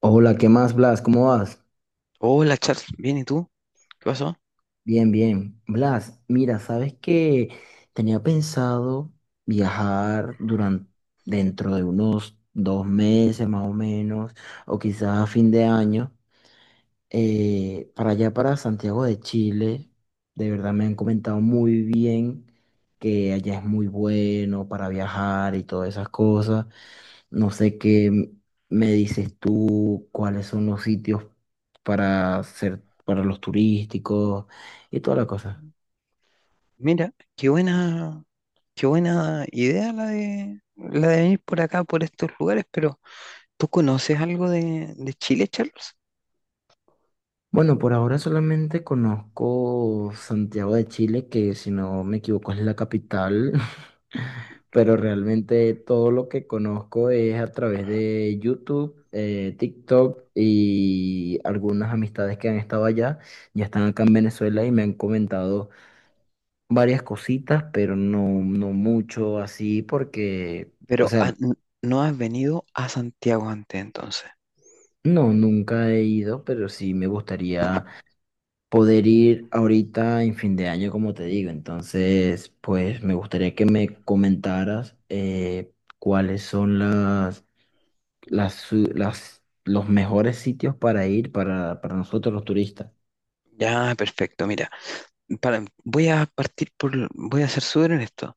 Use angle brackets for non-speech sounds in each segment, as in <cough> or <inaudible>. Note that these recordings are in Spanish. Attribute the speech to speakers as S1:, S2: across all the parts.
S1: Hola, ¿qué más, Blas? ¿Cómo vas?
S2: Hola Charles, bien, ¿y tú? ¿Qué pasó?
S1: Bien, bien. Blas, mira, sabes que tenía pensado viajar durante dentro de unos 2 meses más o menos, o quizás a fin de año, para allá, para Santiago de Chile. De verdad me han comentado muy bien que allá es muy bueno para viajar y todas esas cosas. No sé me dices tú, cuáles son los sitios para los turísticos y toda la cosa.
S2: Mira, qué buena idea la de venir por acá, por estos lugares, pero ¿tú conoces algo de Chile, Charles?
S1: Bueno, por ahora solamente conozco Santiago de Chile, que si no me equivoco es la capital, <laughs> pero realmente todo lo que conozco es a través de YouTube, TikTok y algunas amistades que han estado allá, ya están acá en Venezuela y me han comentado varias cositas, pero no mucho así porque, o
S2: Pero
S1: sea,
S2: no has venido a Santiago antes, entonces.
S1: no, nunca he ido, pero sí me gustaría poder ir ahorita en fin de año, como te digo. Entonces, pues me gustaría que me comentaras cuáles son los mejores sitios para para nosotros los turistas.
S2: Ya, perfecto, mira, voy a partir por, voy a ser súper honesto.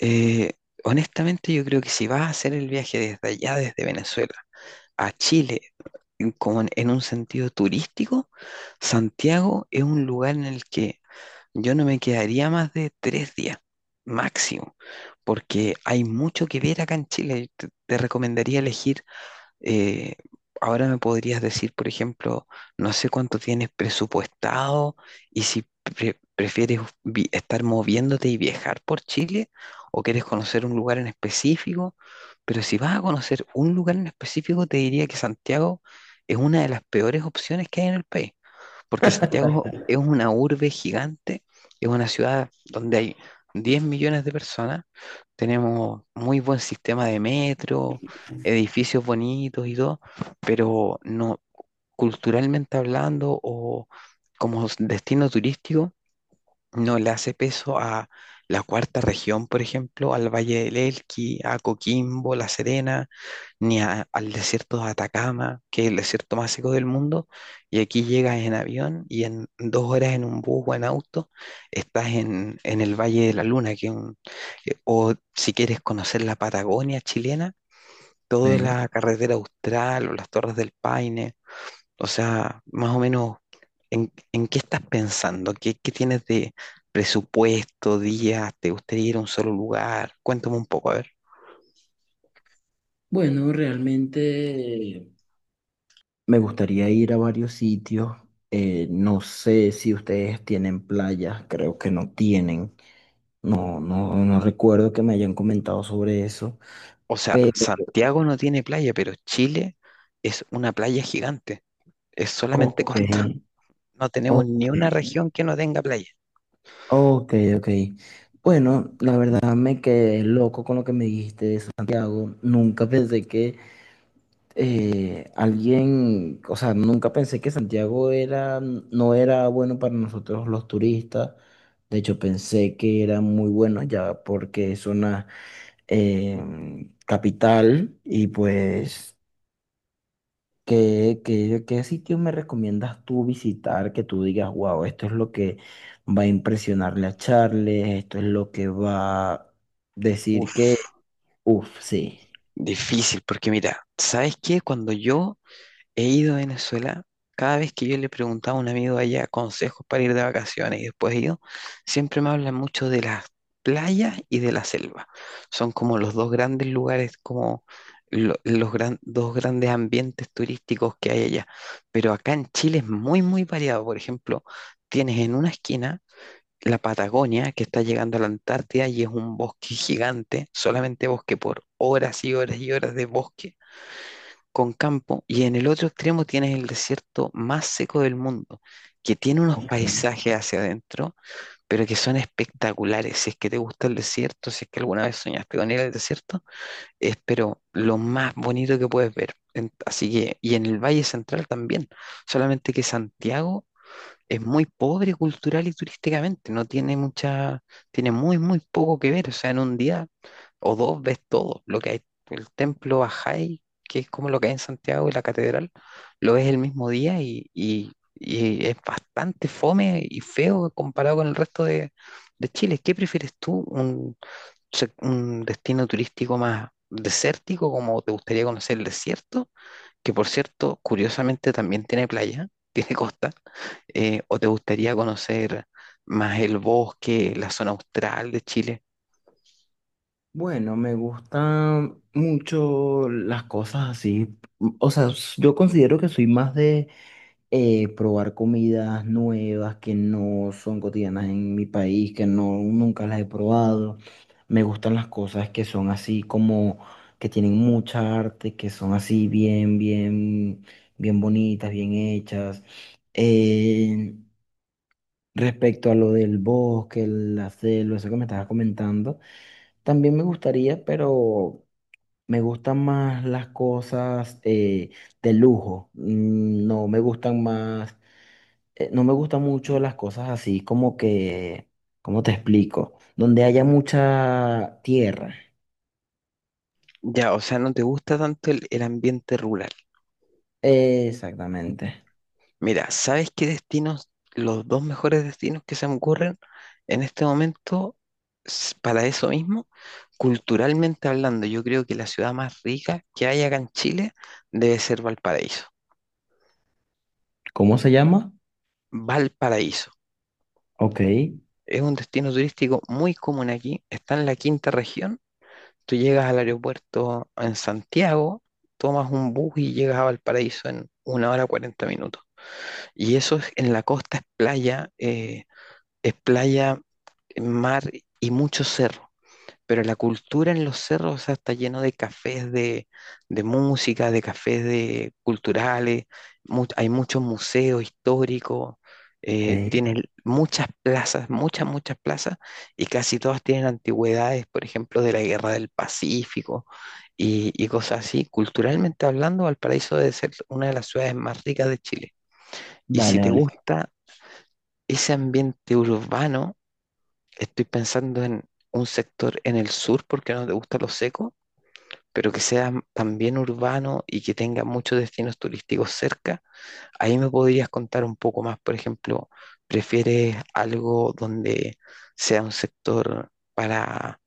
S2: Eh, Honestamente, yo creo que si vas a hacer el viaje desde allá, desde Venezuela, a Chile, como en un sentido turístico, Santiago es un lugar en el que yo no me quedaría más de tres días máximo, porque hay mucho que ver acá en Chile. Te recomendaría elegir eh, ahora me podrías decir, por ejemplo, no sé cuánto tienes presupuestado y si prefieres estar moviéndote y viajar por Chile o quieres conocer un lugar en específico, pero si vas a conocer un lugar en específico, te diría que Santiago es una de las peores opciones que hay en el país porque Santiago es una urbe gigante, es una ciudad donde hay 10 millones de personas, tenemos muy buen sistema de metro, edificios bonitos y todo, pero no culturalmente hablando o como destino turístico, no le hace peso a la cuarta región, por ejemplo, al Valle del Elqui, a Coquimbo, La Serena, ni al desierto de Atacama, que es el desierto más seco del mundo, y aquí llegas en avión y en dos horas en un bus o en auto estás en el Valle de la Luna, que es un- que- o si quieres conocer la Patagonia chilena, toda
S1: Ok.
S2: la carretera austral o las Torres del Paine, o sea, más o menos, ¿en qué estás pensando? ¿Qué tienes de presupuesto, días? ¿Te gustaría ir a un solo lugar? Cuéntame un poco, a ver.
S1: Bueno, realmente me gustaría ir a varios sitios. No sé si ustedes tienen playas, creo que no tienen. No, no recuerdo que me hayan comentado sobre eso.
S2: O sea,
S1: Pero,
S2: Santiago no tiene playa, pero Chile es una playa gigante. Es solamente
S1: ok,
S2: costa. No tenemos ni
S1: ok.
S2: una región que no tenga playa.
S1: Ok, ok. Bueno, la verdad me quedé loco con lo que me dijiste de Santiago. Nunca pensé que nunca pensé que no era bueno para nosotros los turistas. De hecho, pensé que era muy bueno ya porque es una eh, capital y pues ¿ qué sitio me recomiendas tú visitar, que tú digas, wow, esto es lo que va a impresionarle a Charles, esto es lo que va a decir que,
S2: Uf,
S1: uff, sí.
S2: difícil, porque mira, ¿sabes qué? Cuando yo he ido a Venezuela, cada vez que yo le preguntaba a un amigo allá consejos para ir de vacaciones y después he ido, siempre me hablan mucho de las playas y de la selva. Son como los dos grandes lugares, como dos grandes ambientes turísticos que hay allá. Pero acá en Chile es muy, muy variado. Por ejemplo, tienes en una esquina la Patagonia que está llegando a la Antártida y es un bosque gigante, solamente bosque por horas y horas y horas de bosque con campo y en el otro extremo tienes el desierto más seco del mundo, que tiene unos
S1: Ok.
S2: paisajes hacia adentro, pero que son espectaculares. Si es que te gusta el desierto, si es que alguna vez soñaste con ir al desierto, es pero lo más bonito que puedes ver. Así que, y en el Valle Central también, solamente que Santiago es muy pobre cultural y turísticamente, no tiene mucha, tiene muy, muy poco que ver. O sea, en un día o dos ves todo, lo que hay, el templo Bajay, que es como lo que hay en Santiago y la catedral, lo ves el mismo día y es bastante fome y feo comparado con el resto de Chile. ¿Qué prefieres tú? ¿Un destino turístico más desértico, como te gustaría conocer el desierto, que por cierto, curiosamente también tiene playa, <laughs> tiene costa, o te gustaría conocer más el bosque, la zona austral de Chile?
S1: Bueno, me gustan mucho las cosas así. O sea, yo considero que soy más de probar comidas nuevas que no son cotidianas en mi país, que nunca las he probado. Me gustan las cosas que son así como, que tienen mucha arte, que son así bien bonitas, bien hechas. Eh, respecto a lo del bosque, la selva, eso que me estabas comentando, también me gustaría, pero me gustan más las cosas de lujo. Mm, no me gustan mucho las cosas así como que, ¿cómo te explico? Donde haya mucha tierra.
S2: Ya, o sea, no te gusta tanto el ambiente rural.
S1: Exactamente.
S2: Mira, ¿sabes qué destinos, los dos mejores destinos que se me ocurren en este momento para eso mismo? Culturalmente hablando, yo creo que la ciudad más rica que hay acá en Chile debe ser Valparaíso.
S1: ¿Cómo se llama?
S2: Valparaíso
S1: Ok,
S2: es un destino turístico muy común aquí, está en la quinta región. Tú llegas al aeropuerto en Santiago, tomas un bus y llegas a Valparaíso en una hora cuarenta minutos. Y eso es en la costa, es playa, mar y mucho cerro. Pero la cultura en los cerros, o sea, está lleno de cafés de música, de cafés de culturales, hay muchos museos históricos,
S1: ok.
S2: tienen muchas plazas, muchas, muchas plazas, y casi todas tienen antigüedades, por ejemplo, de la Guerra del Pacífico y cosas así. Culturalmente hablando, Valparaíso debe ser una de las ciudades más ricas de Chile. Y si
S1: Vale,
S2: te
S1: vale.
S2: gusta ese ambiente urbano, estoy pensando en un sector en el sur porque no te gusta lo seco, pero que sea también urbano y que tenga muchos destinos turísticos cerca. Ahí me podrías contar un poco más, por ejemplo, ¿prefieres algo donde sea un sector para...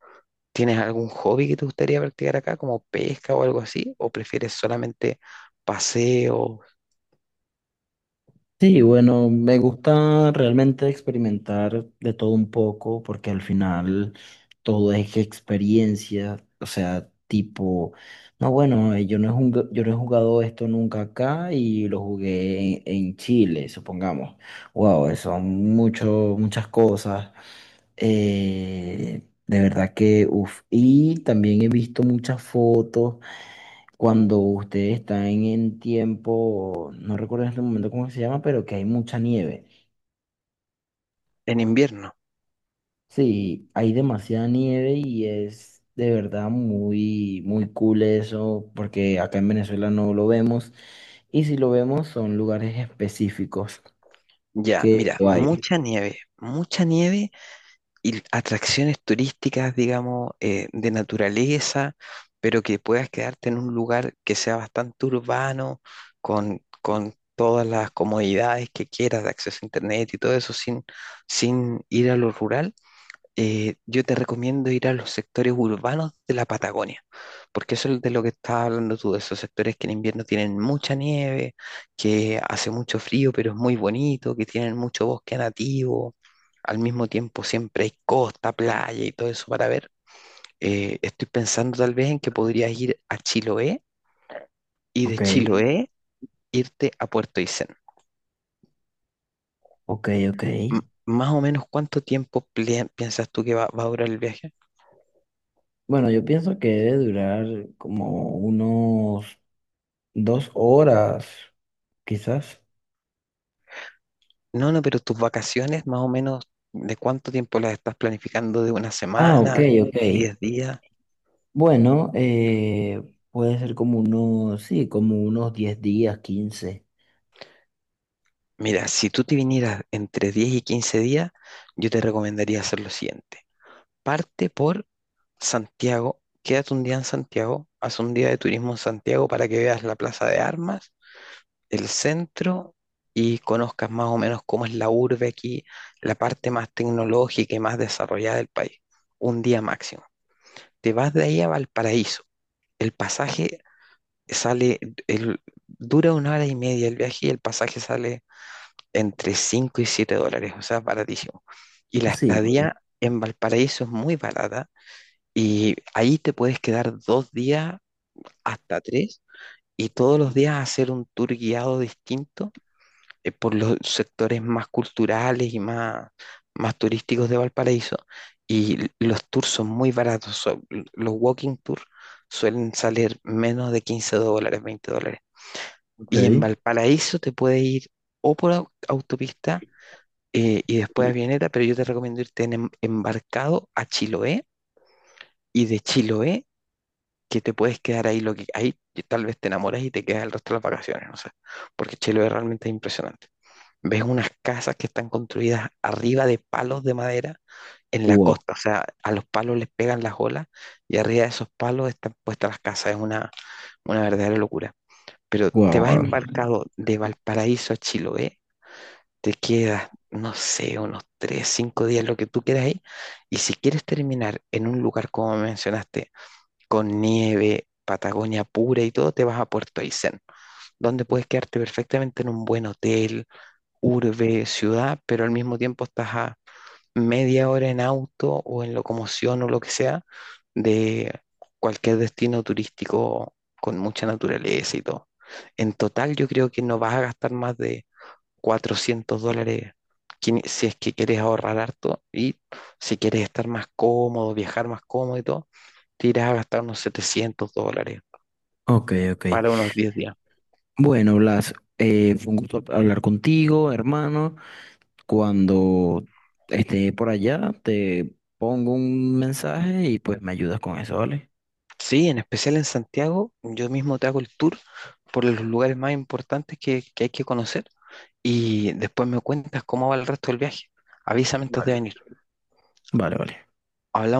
S2: ¿Tienes algún hobby que te gustaría practicar acá, como pesca o algo así? ¿O prefieres solamente paseos
S1: Sí, bueno, me gusta realmente experimentar de todo un poco porque al final todo es experiencia, o sea, tipo, no, bueno, yo no he jugado esto nunca acá y lo jugué en Chile, supongamos. Wow, son muchas cosas. De verdad que, uff, y también he visto muchas fotos cuando ustedes están en tiempo, no recuerdo en este momento cómo se llama, pero que hay mucha nieve.
S2: en invierno?
S1: Sí, hay demasiada nieve y es de verdad muy, muy cool eso, porque acá en Venezuela no lo vemos. Y si lo vemos, son lugares específicos
S2: Ya,
S1: que
S2: mira,
S1: lo hay.
S2: mucha nieve y atracciones turísticas, digamos, de naturaleza, pero que puedas quedarte en un lugar que sea bastante urbano, con todas las comodidades que quieras de acceso a internet y todo eso, sin ir a lo rural. Yo te recomiendo ir a los sectores urbanos de la Patagonia, porque eso es de lo que estás hablando tú, de esos sectores que en invierno tienen mucha nieve, que hace mucho frío, pero es muy bonito, que tienen mucho bosque nativo, al mismo tiempo siempre hay costa, playa y todo eso para ver. Estoy pensando tal vez en que podrías ir a Chiloé y de
S1: Ok,
S2: Chiloé irte a Puerto Aysén.
S1: ok, ok.
S2: Más o menos, ¿cuánto tiempo piensas tú que va a durar el viaje?
S1: Bueno, yo pienso que debe durar como unos 2 horas, quizás.
S2: No, no, pero tus vacaciones, más o menos, ¿de cuánto tiempo las estás planificando? ¿De una
S1: Ah, ok,
S2: semana?
S1: ok.
S2: ¿Diez días?
S1: Bueno, puede ser como unos, sí, como unos 10 días, quince.
S2: Mira, si tú te vinieras entre 10 y 15 días, yo te recomendaría hacer lo siguiente. Parte por Santiago, quédate un día en Santiago, haz un día de turismo en Santiago para que veas la Plaza de Armas, el centro y conozcas más o menos cómo es la urbe aquí, la parte más tecnológica y más desarrollada del país. Un día máximo. Te vas de ahí a Valparaíso. El pasaje sale, el, dura una hora y media el viaje y el pasaje sale entre 5 y 7 dólares, o sea, baratísimo. Y la
S1: Sí, bueno,
S2: estadía en Valparaíso es muy barata y ahí te puedes quedar dos días hasta tres y todos los días hacer un tour guiado distinto, por los sectores más culturales y más turísticos de Valparaíso. Y los tours son muy baratos, los walking tours suelen salir menos de 15 dólares, 20 dólares.
S1: ok.
S2: Y en Valparaíso te puedes ir o por autopista y después a Avioneta, pero yo te recomiendo irte en embarcado a Chiloé y de Chiloé, que te puedes quedar ahí lo que ahí que tal vez te enamoras y te quedas el resto de las vacaciones, no sé, porque Chiloé realmente es impresionante. Ves unas casas que están construidas arriba de palos de madera en la
S1: Wow,
S2: costa, o sea, a los palos les pegan las olas y arriba de esos palos están puestas las casas, es una verdadera locura. Pero te
S1: wow,
S2: vas
S1: wow.
S2: embarcado de Valparaíso a Chiloé, te quedas, no sé, unos tres, cinco días, lo que tú quieras ahí. Y si quieres terminar en un lugar, como mencionaste, con nieve, Patagonia pura y todo, te vas a Puerto Aysén, donde puedes quedarte perfectamente en un buen hotel, urbe, ciudad, pero al mismo tiempo estás a media hora en auto o en locomoción o lo que sea de cualquier destino turístico con mucha naturaleza y todo. En total, yo creo que no vas a gastar más de US$400 si es que quieres ahorrar harto y si quieres estar más cómodo, viajar más cómodo y todo, te irás a gastar unos US$700
S1: Ok, ok.
S2: para unos 10 días.
S1: Bueno, Blas, fue un gusto hablar contigo, hermano. Cuando esté por allá, te pongo un mensaje y pues me ayudas con eso, ¿vale?
S2: Sí, en especial en Santiago, yo mismo te hago el tour por los lugares más importantes que hay que conocer y después me cuentas cómo va el resto del viaje. Avísame antes de
S1: Vale.
S2: venir.
S1: Vale, vale.
S2: Hablamos.